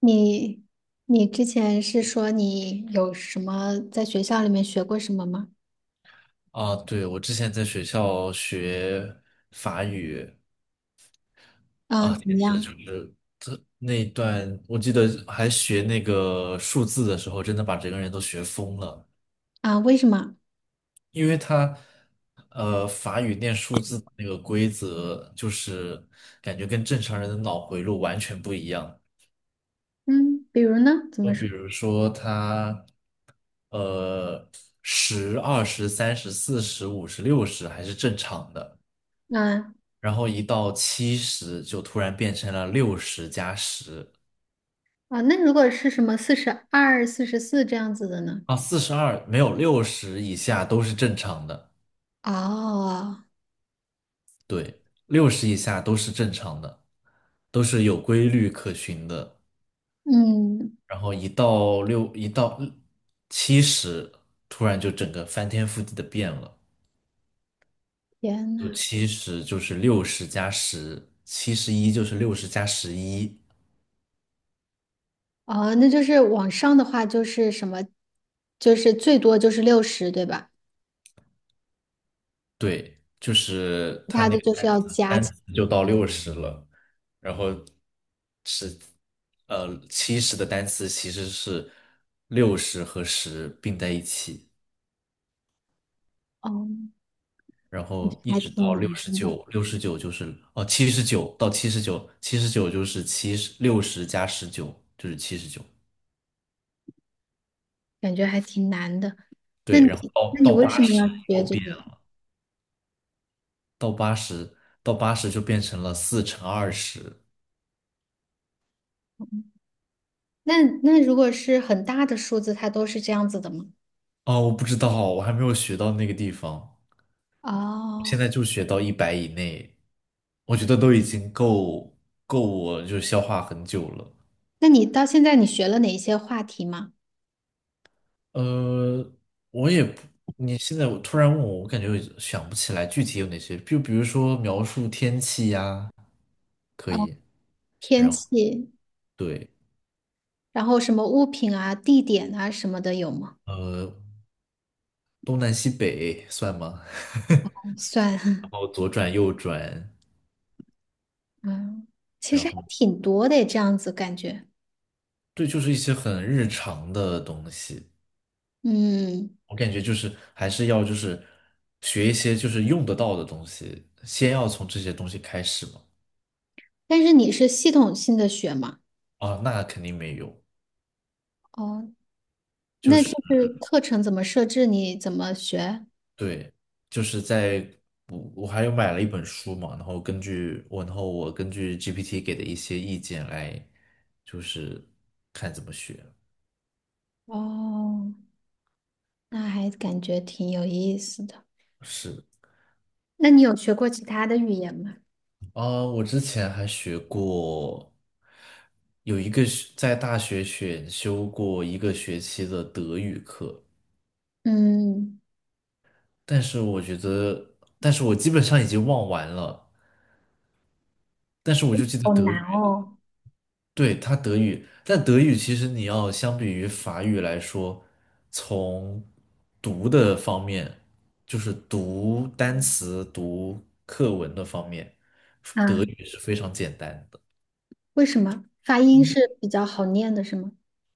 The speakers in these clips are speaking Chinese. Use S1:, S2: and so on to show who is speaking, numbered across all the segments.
S1: 你你之前是说你有什么在学校里面学过什么吗？
S2: 啊，对，我之前在学校学法语。
S1: 啊，
S2: 啊，
S1: 怎
S2: 简
S1: 么
S2: 直就
S1: 样？
S2: 是那一段，我记得还学那个数字的时候，真的把整个人都学疯了，
S1: 啊，为什么？
S2: 因为法语念数字的那个规则，就是感觉跟正常人的脑回路完全不一样。
S1: 嗯，比如呢？怎么
S2: 就比
S1: 说？
S2: 如说呃，十、二十、三十、四十、五十、六十还是正常的。
S1: 啊
S2: 然后一到七十就突然变成了六十加十。
S1: 啊，那如果是什么42、44这样子的呢？
S2: 啊，四十二没有六十以下都是正常的，
S1: 哦，
S2: 对，六十以下都是正常的，都是有规律可循的。
S1: 嗯，
S2: 然后一到七十，突然就整个翻天覆地的变了，
S1: 天
S2: 就
S1: 呐，
S2: 七十就是六十加十，七十一就是六十加十一。
S1: 哦，那就是往上的话就是什么，就是最多就是60，对吧？
S2: 对，就是
S1: 其
S2: 它
S1: 他
S2: 那
S1: 的
S2: 个
S1: 就是
S2: 单
S1: 要
S2: 词
S1: 加起，
S2: 单词就到六十了。然后七十的单词其实是六十和十并在一起，
S1: 哦，
S2: 然后一
S1: 还
S2: 直
S1: 挺
S2: 到
S1: 难
S2: 六
S1: 的，
S2: 十九，七十九，七十九就是六十加十九就是七十九。
S1: 感觉还挺难的。那
S2: 对，
S1: 你
S2: 然后到
S1: 那你
S2: 到
S1: 为什
S2: 八
S1: 么
S2: 十
S1: 要学
S2: 又
S1: 这
S2: 变
S1: 个呀？
S2: 了，到八十到八十就变成了四乘二十。
S1: 那那如果是很大的数字，它都是这样子的吗？
S2: 哦，我不知道，我还没有学到那个地方，我现
S1: 哦，
S2: 在就学到100以内，我觉得都已经够我就消化很久了。
S1: 那你到现在你学了哪一些话题吗？
S2: 呃，我也不，你现在我突然问我，我感觉我想不起来具体有哪些，就比如说描述天气呀，可以。
S1: 天气，
S2: 对，
S1: 然后什么物品啊、地点啊什么的有吗？
S2: 呃，东南西北算吗？
S1: 算，
S2: 然 后左转右转，
S1: 嗯，其
S2: 然
S1: 实还
S2: 后
S1: 挺多的，这样子感觉。
S2: 对，就是一些很日常的东西，
S1: 嗯，
S2: 我感觉就是还是要就是学一些就是用得到的东西，先要从这些东西开始嘛。
S1: 但是你是系统性的学吗？
S2: 啊，那肯定没有。
S1: 哦，那就是课程怎么设置，你怎么学？
S2: 对，就是我还有买了一本书嘛，然后我根据 GPT 给的一些意见来，就是看怎么学。
S1: 哦，那还感觉挺有意思的。
S2: 是
S1: 那你有学过其他的语言吗？
S2: 啊，我之前还学过，有一个是在大学选修过一个学期的德语课，
S1: 嗯。
S2: 但是我基本上已经忘完了，但是我就记得
S1: 好
S2: 德
S1: 难
S2: 语。
S1: 哦
S2: 对，它德语，但德语其实你要相比于法语来说，从读的方面，就是读单词、读课文的方面，德
S1: 啊！
S2: 语是非常简单的。
S1: 为什么发音是比较好念的，是吗？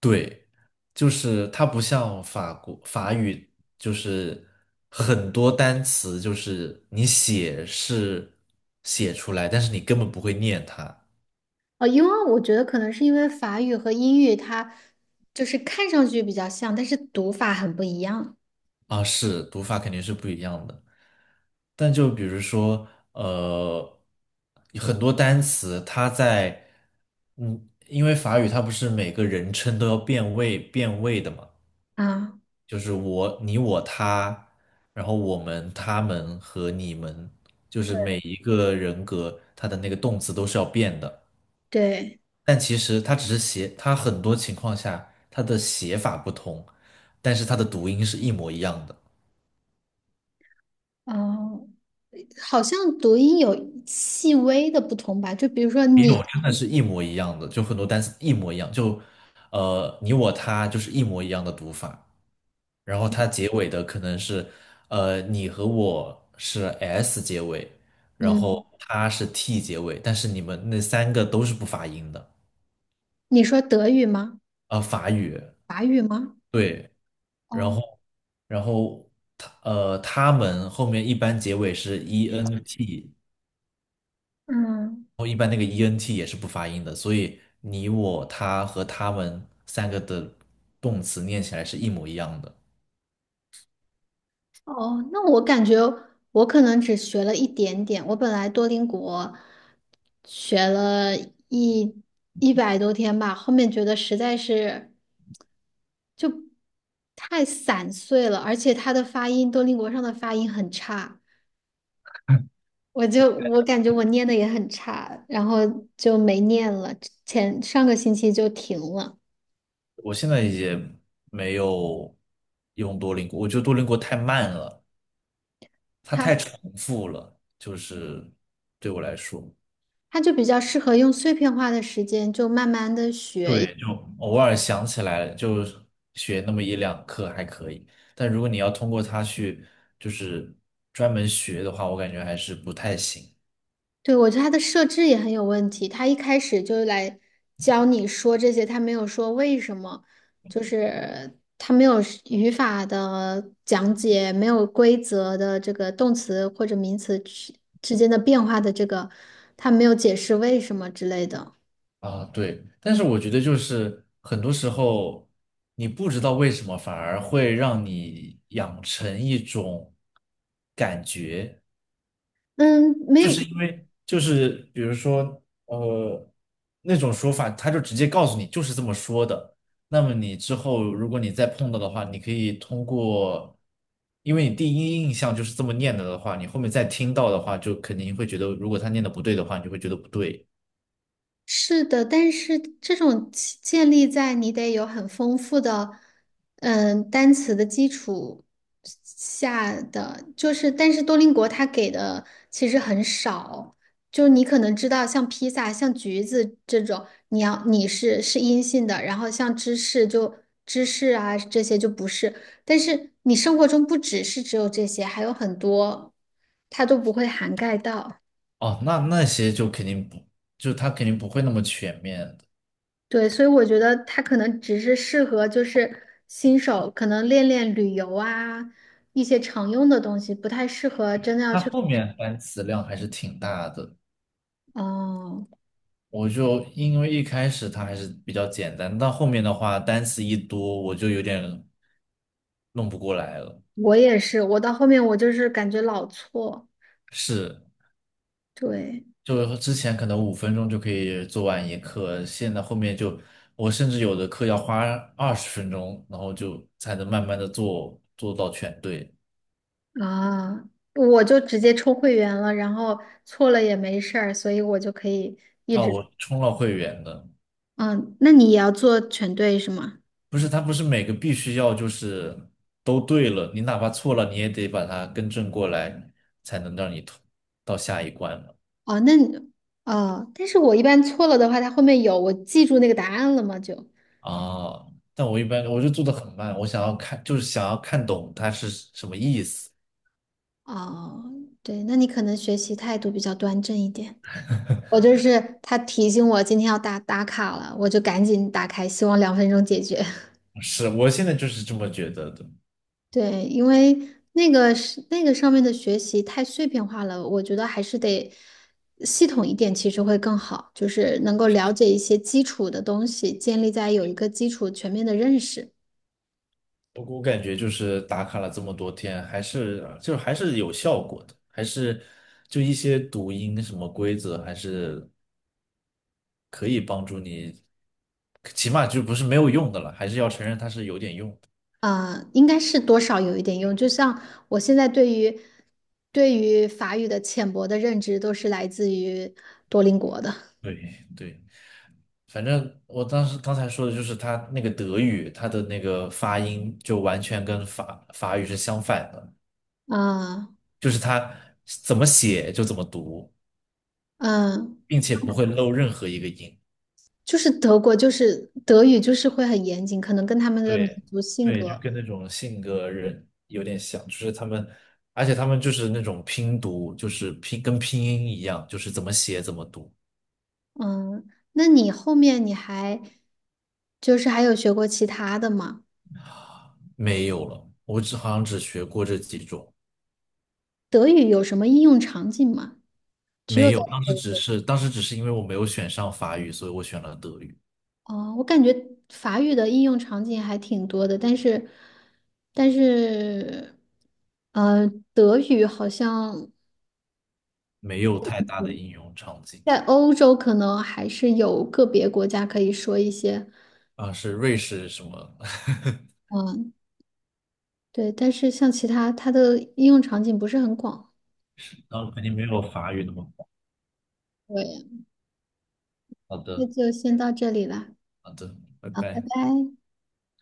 S2: 对，就是它不像法国法语，就是很多单词，就是你写是写出来，但是你根本不会念它。
S1: 哦，因为我觉得可能是因为法语和英语它就是看上去比较像，但是读法很不一样
S2: 啊，是读法肯定是不一样的。但就比如说，呃，很多单词它在。嗯，因为法语它不是每个人称都要变位的嘛，
S1: 啊。
S2: 就是我、你、我、他，然后我们、他们和你们，就是每一个人格它的那个动词都是要变的。
S1: 对，
S2: 但其实它只是写，它很多情况下它的写法不同，但是它的读音是一模一样的。
S1: 哦，好像读音有细微的不同吧？就比如说你，
S2: 他们是一模一样的，就很多单词一模一样，就你我他就是一模一样的读法，然后它结尾的可能是你和我是 s 结尾，然后
S1: 嗯，
S2: 他是 t 结尾，但是你们那三个都是不发音的。
S1: 你说德语吗？
S2: 法语。
S1: 法语吗？
S2: 对，然
S1: 哦，
S2: 后然后他们后面一般结尾是 e n t，
S1: 嗯。
S2: 后一般那个 ENT 也是不发音的，所以你、我、他和他们三个的动词念起来是一模一样的。
S1: 哦，那我感觉我可能只学了一点点。我本来多邻国学了一一百多天吧，后面觉得实在是就太散碎了，而且它的发音，多邻国上的发音很差，我就我感觉我念的也很差，然后就没念了，前上个星期就停了。
S2: 我现在也没有用多邻国，我觉得多邻国太慢了，它太
S1: 它
S2: 重复了，就是对我来说。
S1: 它就比较适合用碎片化的时间，就慢慢的学。
S2: 对，就偶尔想起来了就学那么一两课还可以，但如果你要通过它去就是专门学的话，我感觉还是不太行。
S1: 对，我觉得它的设置也很有问题。他一开始就来教你说这些，他没有说为什么，就是他没有是语法的讲解，没有规则的这个动词或者名词之间的变化的这个，他没有解释为什么之类的。
S2: 啊，对，但是我觉得就是很多时候你不知道为什么，反而会让你养成一种感觉，
S1: 嗯，没
S2: 就
S1: 有，
S2: 是因为就是比如说那种说法，他就直接告诉你就是这么说的。那么你之后如果你再碰到的话，你可以通过，因为你第一印象就是这么念的的话，你后面再听到的话，就肯定会觉得如果他念的不对的话，你就会觉得不对。
S1: 是的，但是这种其建立在你得有很丰富的，嗯，单词的基础下的，就是，但是多邻国它给的其实很少，就你可能知道像披萨、像橘子这种，你要你是是阴性的，然后像芝士就芝士啊这些就不是，但是你生活中不只是只有这些，还有很多，它都不会涵盖到。
S2: 哦，那些就肯定不，就它肯定不会那么全面的，
S1: 对，所以我觉得它可能只是适合就是新手，可能练练旅游啊，一些常用的东西，不太适合真的要
S2: 它
S1: 去。
S2: 后面单词量还是挺大的。
S1: 哦，
S2: 我就因为一开始它还是比较简单，到后面的话单词一多，我就有点弄不过来了。
S1: 我也是，我到后面我就是感觉老错，
S2: 是，
S1: 对
S2: 就之前可能5分钟就可以做完一课，现在后面就我甚至有的课要花20分钟，然后就才能慢慢的做到全对。
S1: 啊，我就直接充会员了，然后错了也没事儿，所以我就可以一
S2: 啊，
S1: 直。
S2: 我充了会员的。
S1: 嗯，那你也要做全对是吗？
S2: 不是，它不是每个必须要就是都对了，你哪怕错了，你也得把它更正过来，才能让你通到下一关嘛。
S1: 哦，那你哦，但是我一般错了的话，它后面有我记住那个答案了吗？就。
S2: 啊，但我一般我就做的很慢，我想要看，就是想要看懂它是什么意思。
S1: 哦，对，那你可能学习态度比较端正一点。我就是他提醒我今天要打卡了，我就赶紧打开，希望2分钟解决。
S2: 是，我现在就是这么觉得的。
S1: 对，因为那个是那个上面的学习太碎片化了，我觉得还是得系统一点，其实会更好，就是能够了解一些基础的东西，建立在有一个基础全面的认识。
S2: 不过我感觉就是打卡了这么多天，还是有效果的，还是就一些读音什么规则，还是可以帮助你，起码就不是没有用的了，还是要承认它是有点用。
S1: 呃，应该是多少有一点用。就像我现在对于法语的浅薄的认知，都是来自于多邻国的。
S2: 对对，反正我当时刚才说的就是他那个德语，他的那个发音就完全跟法语是相反的，
S1: 啊，
S2: 就是他怎么写就怎么读，
S1: 嗯，
S2: 并且不会漏任何一个音。
S1: 就是德国，就是德语，就是会很严谨，可能跟他们的民
S2: 对
S1: 族性
S2: 对，就
S1: 格。
S2: 跟那种性格人有点像，就是他们，而且他们就是那种拼读，就是拼跟拼音一样，就是怎么写怎么读。
S1: 嗯，那你后面你还就是还有学过其他的吗？
S2: 没有了，我只好像只学过这几种。
S1: 德语有什么应用场景吗？只有
S2: 没
S1: 在
S2: 有，当时只
S1: 德
S2: 是当时只是因为我没有选上法语，所以我选了德语。
S1: 哦，我感觉法语的应用场景还挺多的，但是，但是，呃，德语好像
S2: 没有太大的应用场景。
S1: 在欧洲可能还是有个别国家可以说一些，
S2: 啊，是瑞士什么？
S1: 嗯，对，但是像其他它的应用场景不是很广。
S2: 然后肯定没有法语那么好。
S1: 对，
S2: 好
S1: 那
S2: 的。
S1: 就先到这里了，
S2: 好的，拜
S1: 好，拜
S2: 拜。
S1: 拜。